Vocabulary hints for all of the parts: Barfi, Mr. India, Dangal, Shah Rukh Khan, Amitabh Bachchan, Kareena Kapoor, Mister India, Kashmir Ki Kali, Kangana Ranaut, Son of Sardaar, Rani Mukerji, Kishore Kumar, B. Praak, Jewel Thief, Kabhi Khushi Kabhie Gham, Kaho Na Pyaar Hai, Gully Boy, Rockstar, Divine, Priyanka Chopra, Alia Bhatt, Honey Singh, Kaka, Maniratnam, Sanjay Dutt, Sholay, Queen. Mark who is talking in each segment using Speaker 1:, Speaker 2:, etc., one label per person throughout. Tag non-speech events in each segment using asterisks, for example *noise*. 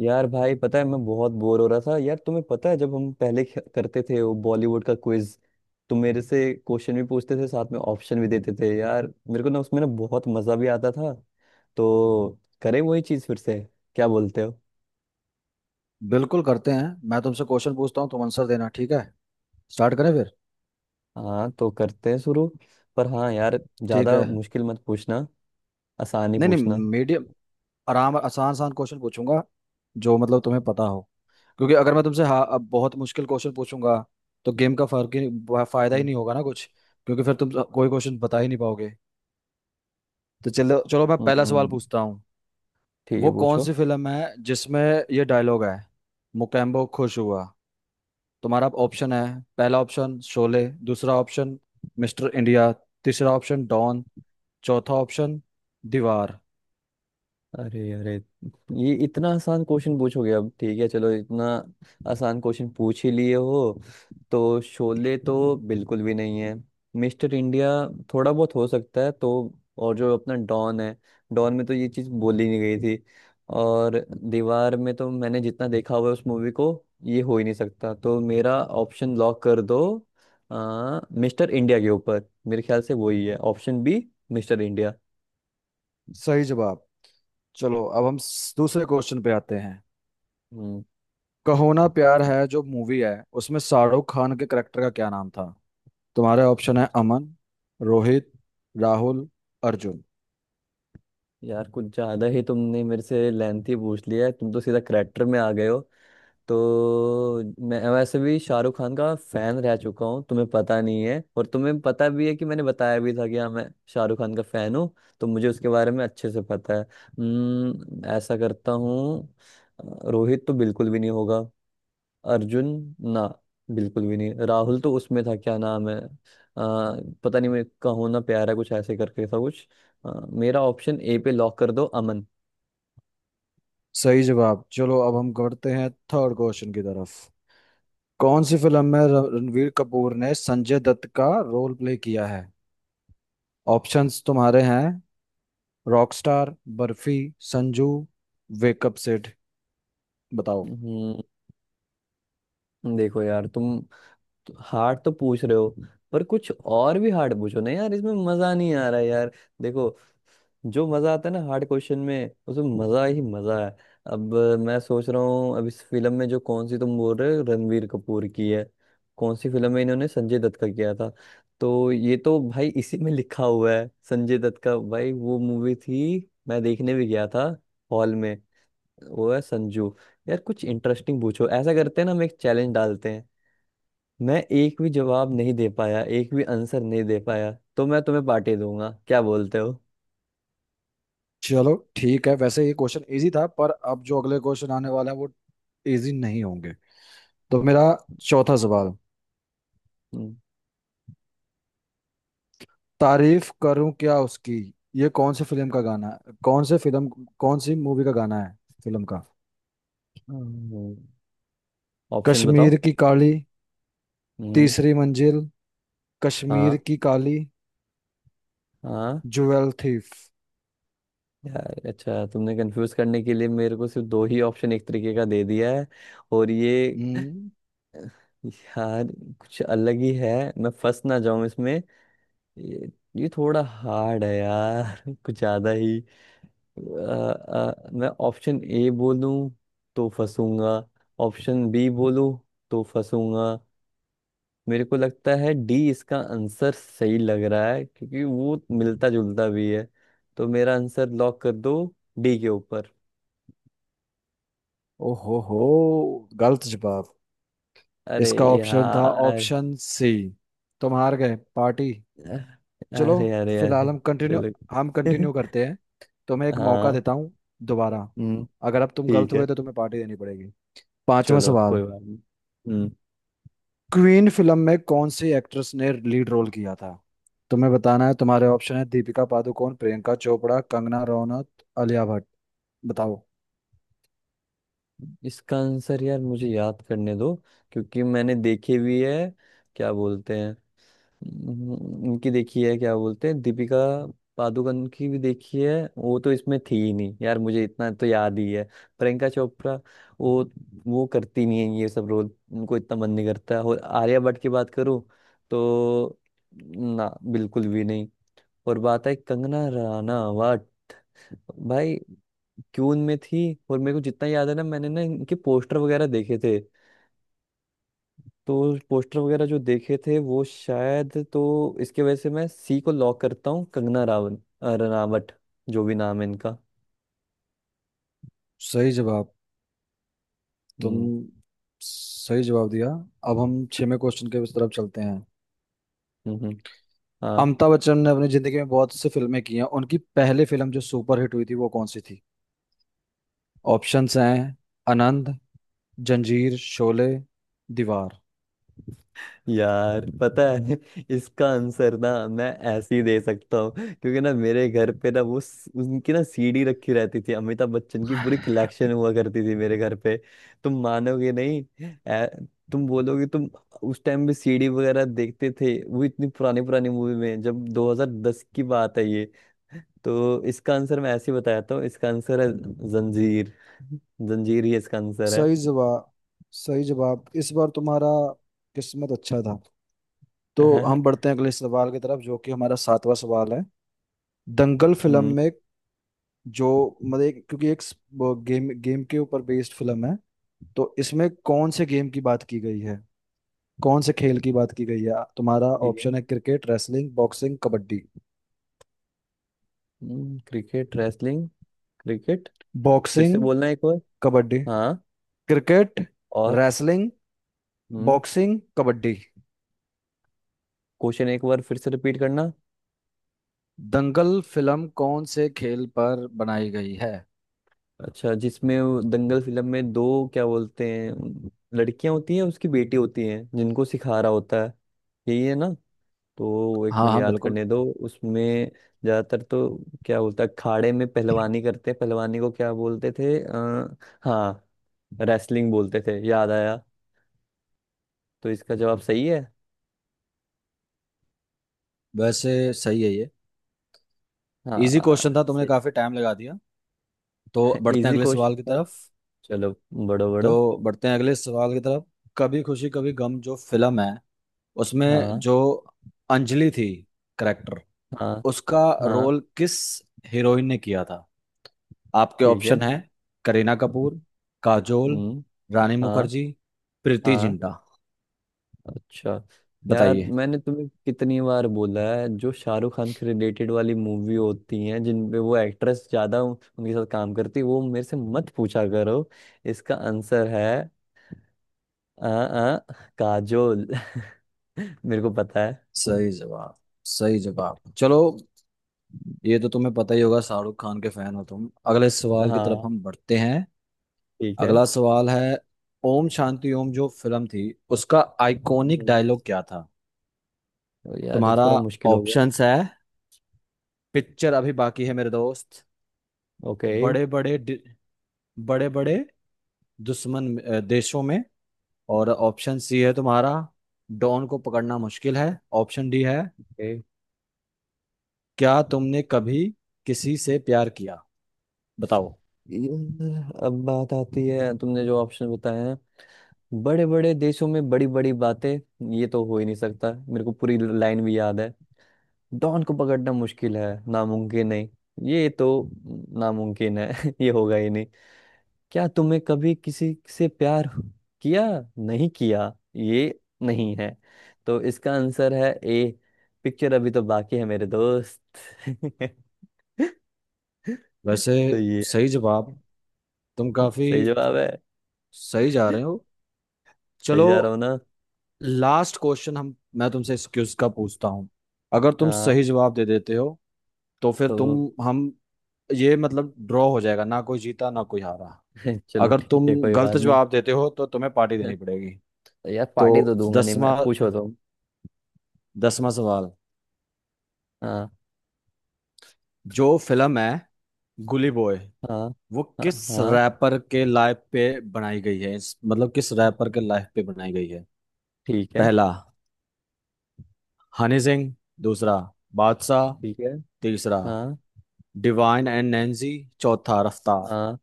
Speaker 1: यार भाई पता है मैं बहुत बोर हो रहा था यार। तुम्हें पता है जब हम पहले करते थे वो बॉलीवुड का क्विज। तुम मेरे से क्वेश्चन भी पूछते थे, साथ में ऑप्शन भी देते थे यार। मेरे को ना उसमें ना बहुत मजा भी आता था। तो करें वही चीज फिर से? क्या बोलते हो?
Speaker 2: बिल्कुल करते हैं। मैं तुमसे क्वेश्चन पूछता हूँ, तुम आंसर देना, ठीक है? स्टार्ट करें फिर?
Speaker 1: हाँ तो करते हैं शुरू। पर हाँ यार,
Speaker 2: ठीक
Speaker 1: ज्यादा
Speaker 2: है,
Speaker 1: मुश्किल मत पूछना, आसान ही
Speaker 2: नहीं
Speaker 1: पूछना।
Speaker 2: नहीं, मीडियम, आराम आसान आसान क्वेश्चन पूछूंगा, जो मतलब तुम्हें पता हो। क्योंकि अगर मैं तुमसे हाँ अब बहुत मुश्किल क्वेश्चन पूछूंगा, तो गेम का फर्क ही फायदा ही
Speaker 1: हम्म।
Speaker 2: नहीं होगा ना कुछ। क्योंकि फिर तुम कोई क्वेश्चन बता ही नहीं पाओगे। तो चलो चलो, मैं पहला सवाल
Speaker 1: हम्म,
Speaker 2: पूछता हूँ।
Speaker 1: ठीक है
Speaker 2: वो कौन
Speaker 1: पूछो।
Speaker 2: सी फिल्म है जिसमें ये डायलॉग है, मुकेम्बो खुश हुआ? तुम्हारा ऑप्शन है, पहला ऑप्शन शोले, दूसरा ऑप्शन मिस्टर इंडिया, तीसरा ऑप्शन डॉन, चौथा ऑप्शन दीवार।
Speaker 1: अरे अरे, ये इतना आसान क्वेश्चन पूछोगे? अब ठीक है चलो, इतना आसान क्वेश्चन पूछ ही लिए हो। तो शोले तो बिल्कुल भी नहीं है। मिस्टर इंडिया थोड़ा बहुत हो सकता है। तो और जो अपना डॉन है, डॉन में तो ये चीज़ बोली नहीं गई थी। और दीवार में तो मैंने जितना देखा हुआ है उस मूवी को, ये हो ही नहीं सकता। तो मेरा ऑप्शन लॉक कर दो मिस्टर इंडिया के ऊपर। मेरे ख्याल से वही है, ऑप्शन बी, मिस्टर इंडिया।
Speaker 2: सही जवाब। चलो अब हम दूसरे क्वेश्चन पे आते हैं।
Speaker 1: हम्म।
Speaker 2: कहो ना प्यार है जो मूवी है, उसमें शाहरुख खान के करेक्टर का क्या नाम था? तुम्हारे ऑप्शन है, अमन, रोहित, राहुल, अर्जुन।
Speaker 1: यार कुछ ज्यादा ही तुमने मेरे से लेंथी पूछ लिया है। तुम तो सीधा करेक्टर में आ गए हो। तो मैं वैसे भी शाहरुख खान का फैन रह चुका हूँ, तुम्हें पता नहीं है। और तुम्हें पता भी है कि मैंने बताया भी था कि हाँ मैं शाहरुख खान का फैन हूँ। तो मुझे उसके बारे में अच्छे से पता है। ऐसा करता हूँ। रोहित तो बिल्कुल भी नहीं होगा। अर्जुन? ना बिल्कुल भी नहीं। राहुल तो उसमें था, क्या नाम है? पता नहीं। मैं कहूँ ना प्यारा कुछ ऐसे करके था कुछ। मेरा ऑप्शन ए पे लॉक कर दो, अमन।
Speaker 2: सही जवाब। चलो अब हम करते हैं थर्ड क्वेश्चन की तरफ। कौन सी फिल्म में रणवीर कपूर ने संजय दत्त का रोल प्ले किया है? ऑप्शंस तुम्हारे हैं, रॉकस्टार, बर्फी, संजू, वेकअप सिड। बताओ।
Speaker 1: हम्म देखो यार, तुम तो हार्ड तो पूछ रहे हो, पर कुछ और भी हार्ड पूछो ना यार, इसमें मजा नहीं आ रहा है यार। देखो, जो मजा आता है ना हार्ड क्वेश्चन में, उसमें मजा ही मजा है। अब मैं सोच रहा हूँ, अब इस फिल्म में जो कौन सी तुम बोल रहे हो रणवीर कपूर की है, कौन सी फिल्म में इन्होंने संजय दत्त का किया था। तो ये तो भाई इसी में लिखा हुआ है, संजय दत्त का भाई। वो मूवी थी, मैं देखने भी गया था हॉल में। वो है संजू। यार कुछ इंटरेस्टिंग पूछो। ऐसा करते हैं ना, हम एक चैलेंज डालते हैं। मैं एक भी जवाब नहीं दे पाया, एक भी आंसर नहीं दे पाया, तो मैं तुम्हें पार्टी दूंगा। क्या बोलते हो?
Speaker 2: चलो ठीक है, वैसे ये क्वेश्चन इजी था, पर अब जो अगले क्वेश्चन आने वाले हैं वो इजी नहीं होंगे। तो मेरा चौथा सवाल, तारीफ करूं क्या उसकी, ये कौन से फिल्म का गाना है? कौन से फिल्म, कौन सी मूवी का गाना है, फिल्म का?
Speaker 1: हम्म। ऑप्शन
Speaker 2: कश्मीर
Speaker 1: बताओ।
Speaker 2: की काली,
Speaker 1: हम्म।
Speaker 2: तीसरी मंजिल, कश्मीर
Speaker 1: हाँ।
Speaker 2: की काली,
Speaker 1: हाँ।
Speaker 2: Jewel thief.
Speaker 1: यार अच्छा, तुमने कंफ्यूज करने के लिए मेरे को सिर्फ दो ही ऑप्शन एक तरीके का दे दिया है। और ये
Speaker 2: हम्म।
Speaker 1: यार कुछ अलग ही है, मैं फंस ना जाऊं इसमें। ये, ये थोड़ा हार्ड है यार *laughs* कुछ ज्यादा ही। मैं ऑप्शन ए बोलूं तो फंसूंगा, ऑप्शन बी बोलूं तो फंसूंगा। मेरे को लगता है डी इसका आंसर सही लग रहा है, क्योंकि वो मिलता जुलता भी है। तो मेरा आंसर लॉक कर दो डी के ऊपर।
Speaker 2: ओहो हो, गलत जवाब।
Speaker 1: अरे
Speaker 2: इसका ऑप्शन था
Speaker 1: यार।
Speaker 2: Option C. तुम हार गए पार्टी। चलो
Speaker 1: अरे अरे अरे।
Speaker 2: फिलहाल हम कंटिन्यू,
Speaker 1: चलो
Speaker 2: हम कंटिन्यू
Speaker 1: *laughs*
Speaker 2: करते हैं। तुम्हें एक मौका
Speaker 1: हाँ।
Speaker 2: देता हूँ दोबारा।
Speaker 1: हम्म।
Speaker 2: अगर अब तुम गलत
Speaker 1: ठीक है
Speaker 2: हुए तो तुम्हें पार्टी देनी पड़ेगी। पांचवा
Speaker 1: चलो, कोई
Speaker 2: सवाल,
Speaker 1: बात नहीं। हम्म।
Speaker 2: क्वीन फिल्म में कौन सी एक्ट्रेस ने लीड रोल किया था? तुम्हें बताना है, तुम्हारे ऑप्शन है, दीपिका पादुकोण, प्रियंका चोपड़ा, कंगना रनौत, आलिया भट्ट। बताओ।
Speaker 1: इसका आंसर यार मुझे याद करने दो, क्योंकि मैंने देखी भी है। क्या बोलते हैं, उनकी देखी है? क्या बोलते हैं, दीपिका पादुकोण की भी देखी है। वो तो इसमें थी ही नहीं यार, मुझे इतना तो याद ही है। प्रियंका चोपड़ा वो वो करती नहीं है ये सब रोल, उनको इतना मन नहीं करता। और आलिया भट्ट की बात करूँ तो ना, बिल्कुल भी नहीं। और बात है कंगना रनावत। भाई, क्यों उनमें थी? और मेरे को जितना याद है ना, मैंने ना इनके पोस्टर वगैरह देखे थे। तो पोस्टर वगैरह जो देखे थे, वो शायद तो इसके वजह से मैं सी को लॉक करता हूँ, कंगना रावल, रनावट, जो भी नाम है इनका।
Speaker 2: सही जवाब। तुम
Speaker 1: हम्म।
Speaker 2: सही जवाब दिया। अब हम छेवें क्वेश्चन के उस तरफ चलते हैं।
Speaker 1: हम्म। हाँ।
Speaker 2: अमिताभ बच्चन ने अपनी जिंदगी में बहुत सी फिल्में की हैं, उनकी पहली फिल्म जो सुपरहिट हुई थी वो कौन सी थी? ऑप्शंस हैं, आनंद, जंजीर, शोले, दीवार।
Speaker 1: यार पता है *laughs* इसका आंसर ना मैं ऐसे ही दे सकता हूँ, क्योंकि ना मेरे घर पे ना वो उनकी ना सीडी रखी रहती थी। अमिताभ बच्चन की पूरी कलेक्शन हुआ करती थी मेरे घर पे। तुम मानोगे नहीं। ऐ- तुम बोलोगे, तुम उस टाइम भी सीडी वगैरह देखते थे वो इतनी पुरानी पुरानी मूवी? में जब 2010 की बात है ये। तो इसका आंसर मैं ऐसे ही बताता हूँ। इसका आंसर है जंजीर *laughs* जंजीर ही इसका आंसर है।
Speaker 2: सही जवाब। सही जवाब, इस बार तुम्हारा किस्मत अच्छा था। तो हम
Speaker 1: *laughs*
Speaker 2: बढ़ते हैं अगले सवाल की तरफ, जो कि हमारा सातवां सवाल है। दंगल फिल्म
Speaker 1: हम्म।
Speaker 2: में जो मतलब क्योंकि वो गेम गेम के ऊपर बेस्ड फिल्म है, तो इसमें कौन से गेम की बात की गई है, कौन से खेल की बात की गई है? तुम्हारा
Speaker 1: ठीक है।
Speaker 2: ऑप्शन है, cricket, wrestling, boxing, kabaddi.
Speaker 1: Cricket, wrestling, cricket. फिर
Speaker 2: बॉक्सिंग,
Speaker 1: से बोलना एक बार।
Speaker 2: कबड्डी,
Speaker 1: हाँ।
Speaker 2: क्रिकेट,
Speaker 1: और?
Speaker 2: रेसलिंग,
Speaker 1: हम्म।
Speaker 2: बॉक्सिंग, कबड्डी।
Speaker 1: क्वेश्चन एक बार फिर से रिपीट करना।
Speaker 2: दंगल फिल्म कौन से खेल पर बनाई गई है?
Speaker 1: अच्छा, जिसमें वो दंगल फिल्म में दो, क्या बोलते हैं, लड़कियां होती हैं, उसकी बेटी होती हैं, जिनको सिखा रहा होता है, यही है ना? तो एक
Speaker 2: हाँ
Speaker 1: मिनट
Speaker 2: हाँ
Speaker 1: याद
Speaker 2: बिल्कुल।
Speaker 1: करने दो। उसमें ज्यादातर तो क्या बोलता है, अखाड़े में पहलवानी करते हैं। पहलवानी को क्या बोलते थे? हाँ, रेसलिंग बोलते थे, याद आया। तो इसका जवाब सही है।
Speaker 2: वैसे सही है ये। इजी क्वेश्चन
Speaker 1: हाँ
Speaker 2: था, तुमने
Speaker 1: सही।
Speaker 2: काफी टाइम लगा दिया। तो
Speaker 1: *laughs*
Speaker 2: बढ़ते हैं
Speaker 1: इजी
Speaker 2: अगले
Speaker 1: क्वेश्चन
Speaker 2: सवाल की
Speaker 1: था।
Speaker 2: तरफ।
Speaker 1: चलो, बड़ो बड़ो।
Speaker 2: तो बढ़ते हैं अगले सवाल की तरफ। कभी खुशी कभी गम जो फिल्म है, उसमें
Speaker 1: हाँ।
Speaker 2: जो अंजलि थी करेक्टर,
Speaker 1: हाँ।
Speaker 2: उसका
Speaker 1: हाँ।
Speaker 2: रोल किस हीरोइन ने किया था? आपके
Speaker 1: ठीक
Speaker 2: ऑप्शन
Speaker 1: है।
Speaker 2: हैं, करीना कपूर, काजोल,
Speaker 1: हम्म।
Speaker 2: रानी
Speaker 1: हाँ।
Speaker 2: मुखर्जी, प्रीति
Speaker 1: हाँ।
Speaker 2: जिंटा।
Speaker 1: अच्छा। यार
Speaker 2: बताइए।
Speaker 1: मैंने तुम्हें कितनी बार बोला है, जो शाहरुख खान के रिलेटेड वाली मूवी होती हैं, जिन पे वो एक्ट्रेस ज्यादा उनके साथ काम करती है, वो मेरे से मत पूछा करो। इसका आंसर है आ, आ, काजोल *laughs* मेरे को पता है।
Speaker 2: सही जवाब। सही जवाब, चलो। ये तो तुम्हें पता ही होगा, शाहरुख खान के फैन हो तुम। अगले सवाल की तरफ
Speaker 1: हाँ।
Speaker 2: हम बढ़ते हैं।
Speaker 1: ठीक है।
Speaker 2: अगला सवाल है, ओम शांति ओम जो फिल्म थी, उसका आइकॉनिक
Speaker 1: हम्म,
Speaker 2: डायलॉग क्या था?
Speaker 1: तो यार ये
Speaker 2: तुम्हारा
Speaker 1: थोड़ा मुश्किल हो गया।
Speaker 2: ऑप्शंस है, पिक्चर अभी बाकी है मेरे दोस्त,
Speaker 1: ओके।
Speaker 2: बड़े बड़े, बड़े बड़े दुश्मन देशों में, और ऑप्शन सी है तुम्हारा, डॉन को पकड़ना मुश्किल है, ऑप्शन डी है,
Speaker 1: ओके।
Speaker 2: क्या तुमने कभी किसी से प्यार किया? बताओ।
Speaker 1: अब बात आती है, तुमने जो ऑप्शन बताए हैं, बड़े बड़े देशों में बड़ी बड़ी बातें, ये तो हो ही नहीं सकता। मेरे को पूरी लाइन भी याद है। डॉन को पकड़ना मुश्किल है, नामुमकिन नहीं, ये तो नामुमकिन है *laughs* ये होगा ही नहीं। क्या तुमने कभी किसी से प्यार किया, नहीं किया, ये नहीं है। तो इसका आंसर है ए, पिक्चर अभी तो बाकी है मेरे दोस्त *laughs*
Speaker 2: वैसे
Speaker 1: तो ये है।
Speaker 2: सही जवाब। तुम काफी
Speaker 1: सही जवाब है।
Speaker 2: सही जा रहे हो।
Speaker 1: सही
Speaker 2: चलो
Speaker 1: जा रहा हूँ ना।
Speaker 2: लास्ट क्वेश्चन हम, मैं तुमसे इस क्विज का पूछता हूँ। अगर तुम
Speaker 1: हाँ
Speaker 2: सही जवाब दे देते हो तो फिर तुम,
Speaker 1: तो
Speaker 2: हम, ये मतलब ड्रॉ हो जाएगा, ना कोई जीता ना कोई हारा।
Speaker 1: *laughs* चलो
Speaker 2: अगर
Speaker 1: ठीक
Speaker 2: तुम
Speaker 1: है, कोई
Speaker 2: गलत
Speaker 1: बात नहीं।
Speaker 2: जवाब देते हो तो तुम्हें पार्टी देनी पड़ेगी।
Speaker 1: तो यार, पार्टी तो
Speaker 2: तो
Speaker 1: दूंगा नहीं मैं,
Speaker 2: दसवां,
Speaker 1: पूछो तो।
Speaker 2: दसवां सवाल,
Speaker 1: हाँ।
Speaker 2: जो फिल्म है गुली बॉय,
Speaker 1: हाँ।
Speaker 2: वो
Speaker 1: हाँ।
Speaker 2: किस
Speaker 1: हाँ।
Speaker 2: रैपर के लाइफ पे बनाई गई है? मतलब किस रैपर के लाइफ पे बनाई गई है?
Speaker 1: ठीक है।
Speaker 2: पहला हनी सिंह, दूसरा बादशाह,
Speaker 1: ठीक है।
Speaker 2: तीसरा
Speaker 1: हाँ।
Speaker 2: डिवाइन एंड नैंसी, चौथा रफ्तार।
Speaker 1: हाँ।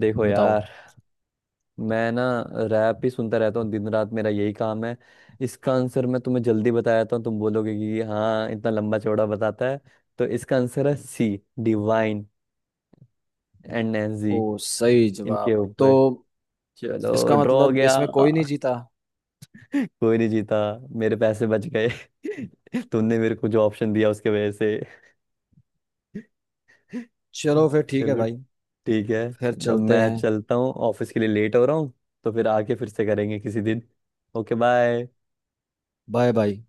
Speaker 1: देखो
Speaker 2: बताओ।
Speaker 1: यार, मैं ना रैप ही सुनता रहता हूँ, दिन रात मेरा यही काम है। इसका आंसर मैं तुम्हें जल्दी बता देता हूँ, तुम बोलोगे कि हाँ इतना लंबा चौड़ा बताता है। तो इसका आंसर है सी, डिवाइन एंड नैंजी,
Speaker 2: ओ सही
Speaker 1: इनके
Speaker 2: जवाब तो।
Speaker 1: ऊपर। चलो
Speaker 2: इसका
Speaker 1: ड्रॉ हो
Speaker 2: मतलब
Speaker 1: गया
Speaker 2: इसमें कोई
Speaker 1: *laughs*
Speaker 2: नहीं जीता।
Speaker 1: कोई नहीं जीता, मेरे पैसे बच गए *laughs* तुमने मेरे को जो ऑप्शन दिया उसके वजह से *laughs*
Speaker 2: चलो फिर ठीक है
Speaker 1: चलो
Speaker 2: भाई।
Speaker 1: ठीक है।
Speaker 2: फिर
Speaker 1: अब
Speaker 2: चलते
Speaker 1: मैं
Speaker 2: हैं।
Speaker 1: चलता हूँ, ऑफिस के लिए लेट हो रहा हूँ। तो फिर आके फिर से करेंगे किसी दिन। Okay, bye.
Speaker 2: Bye bye.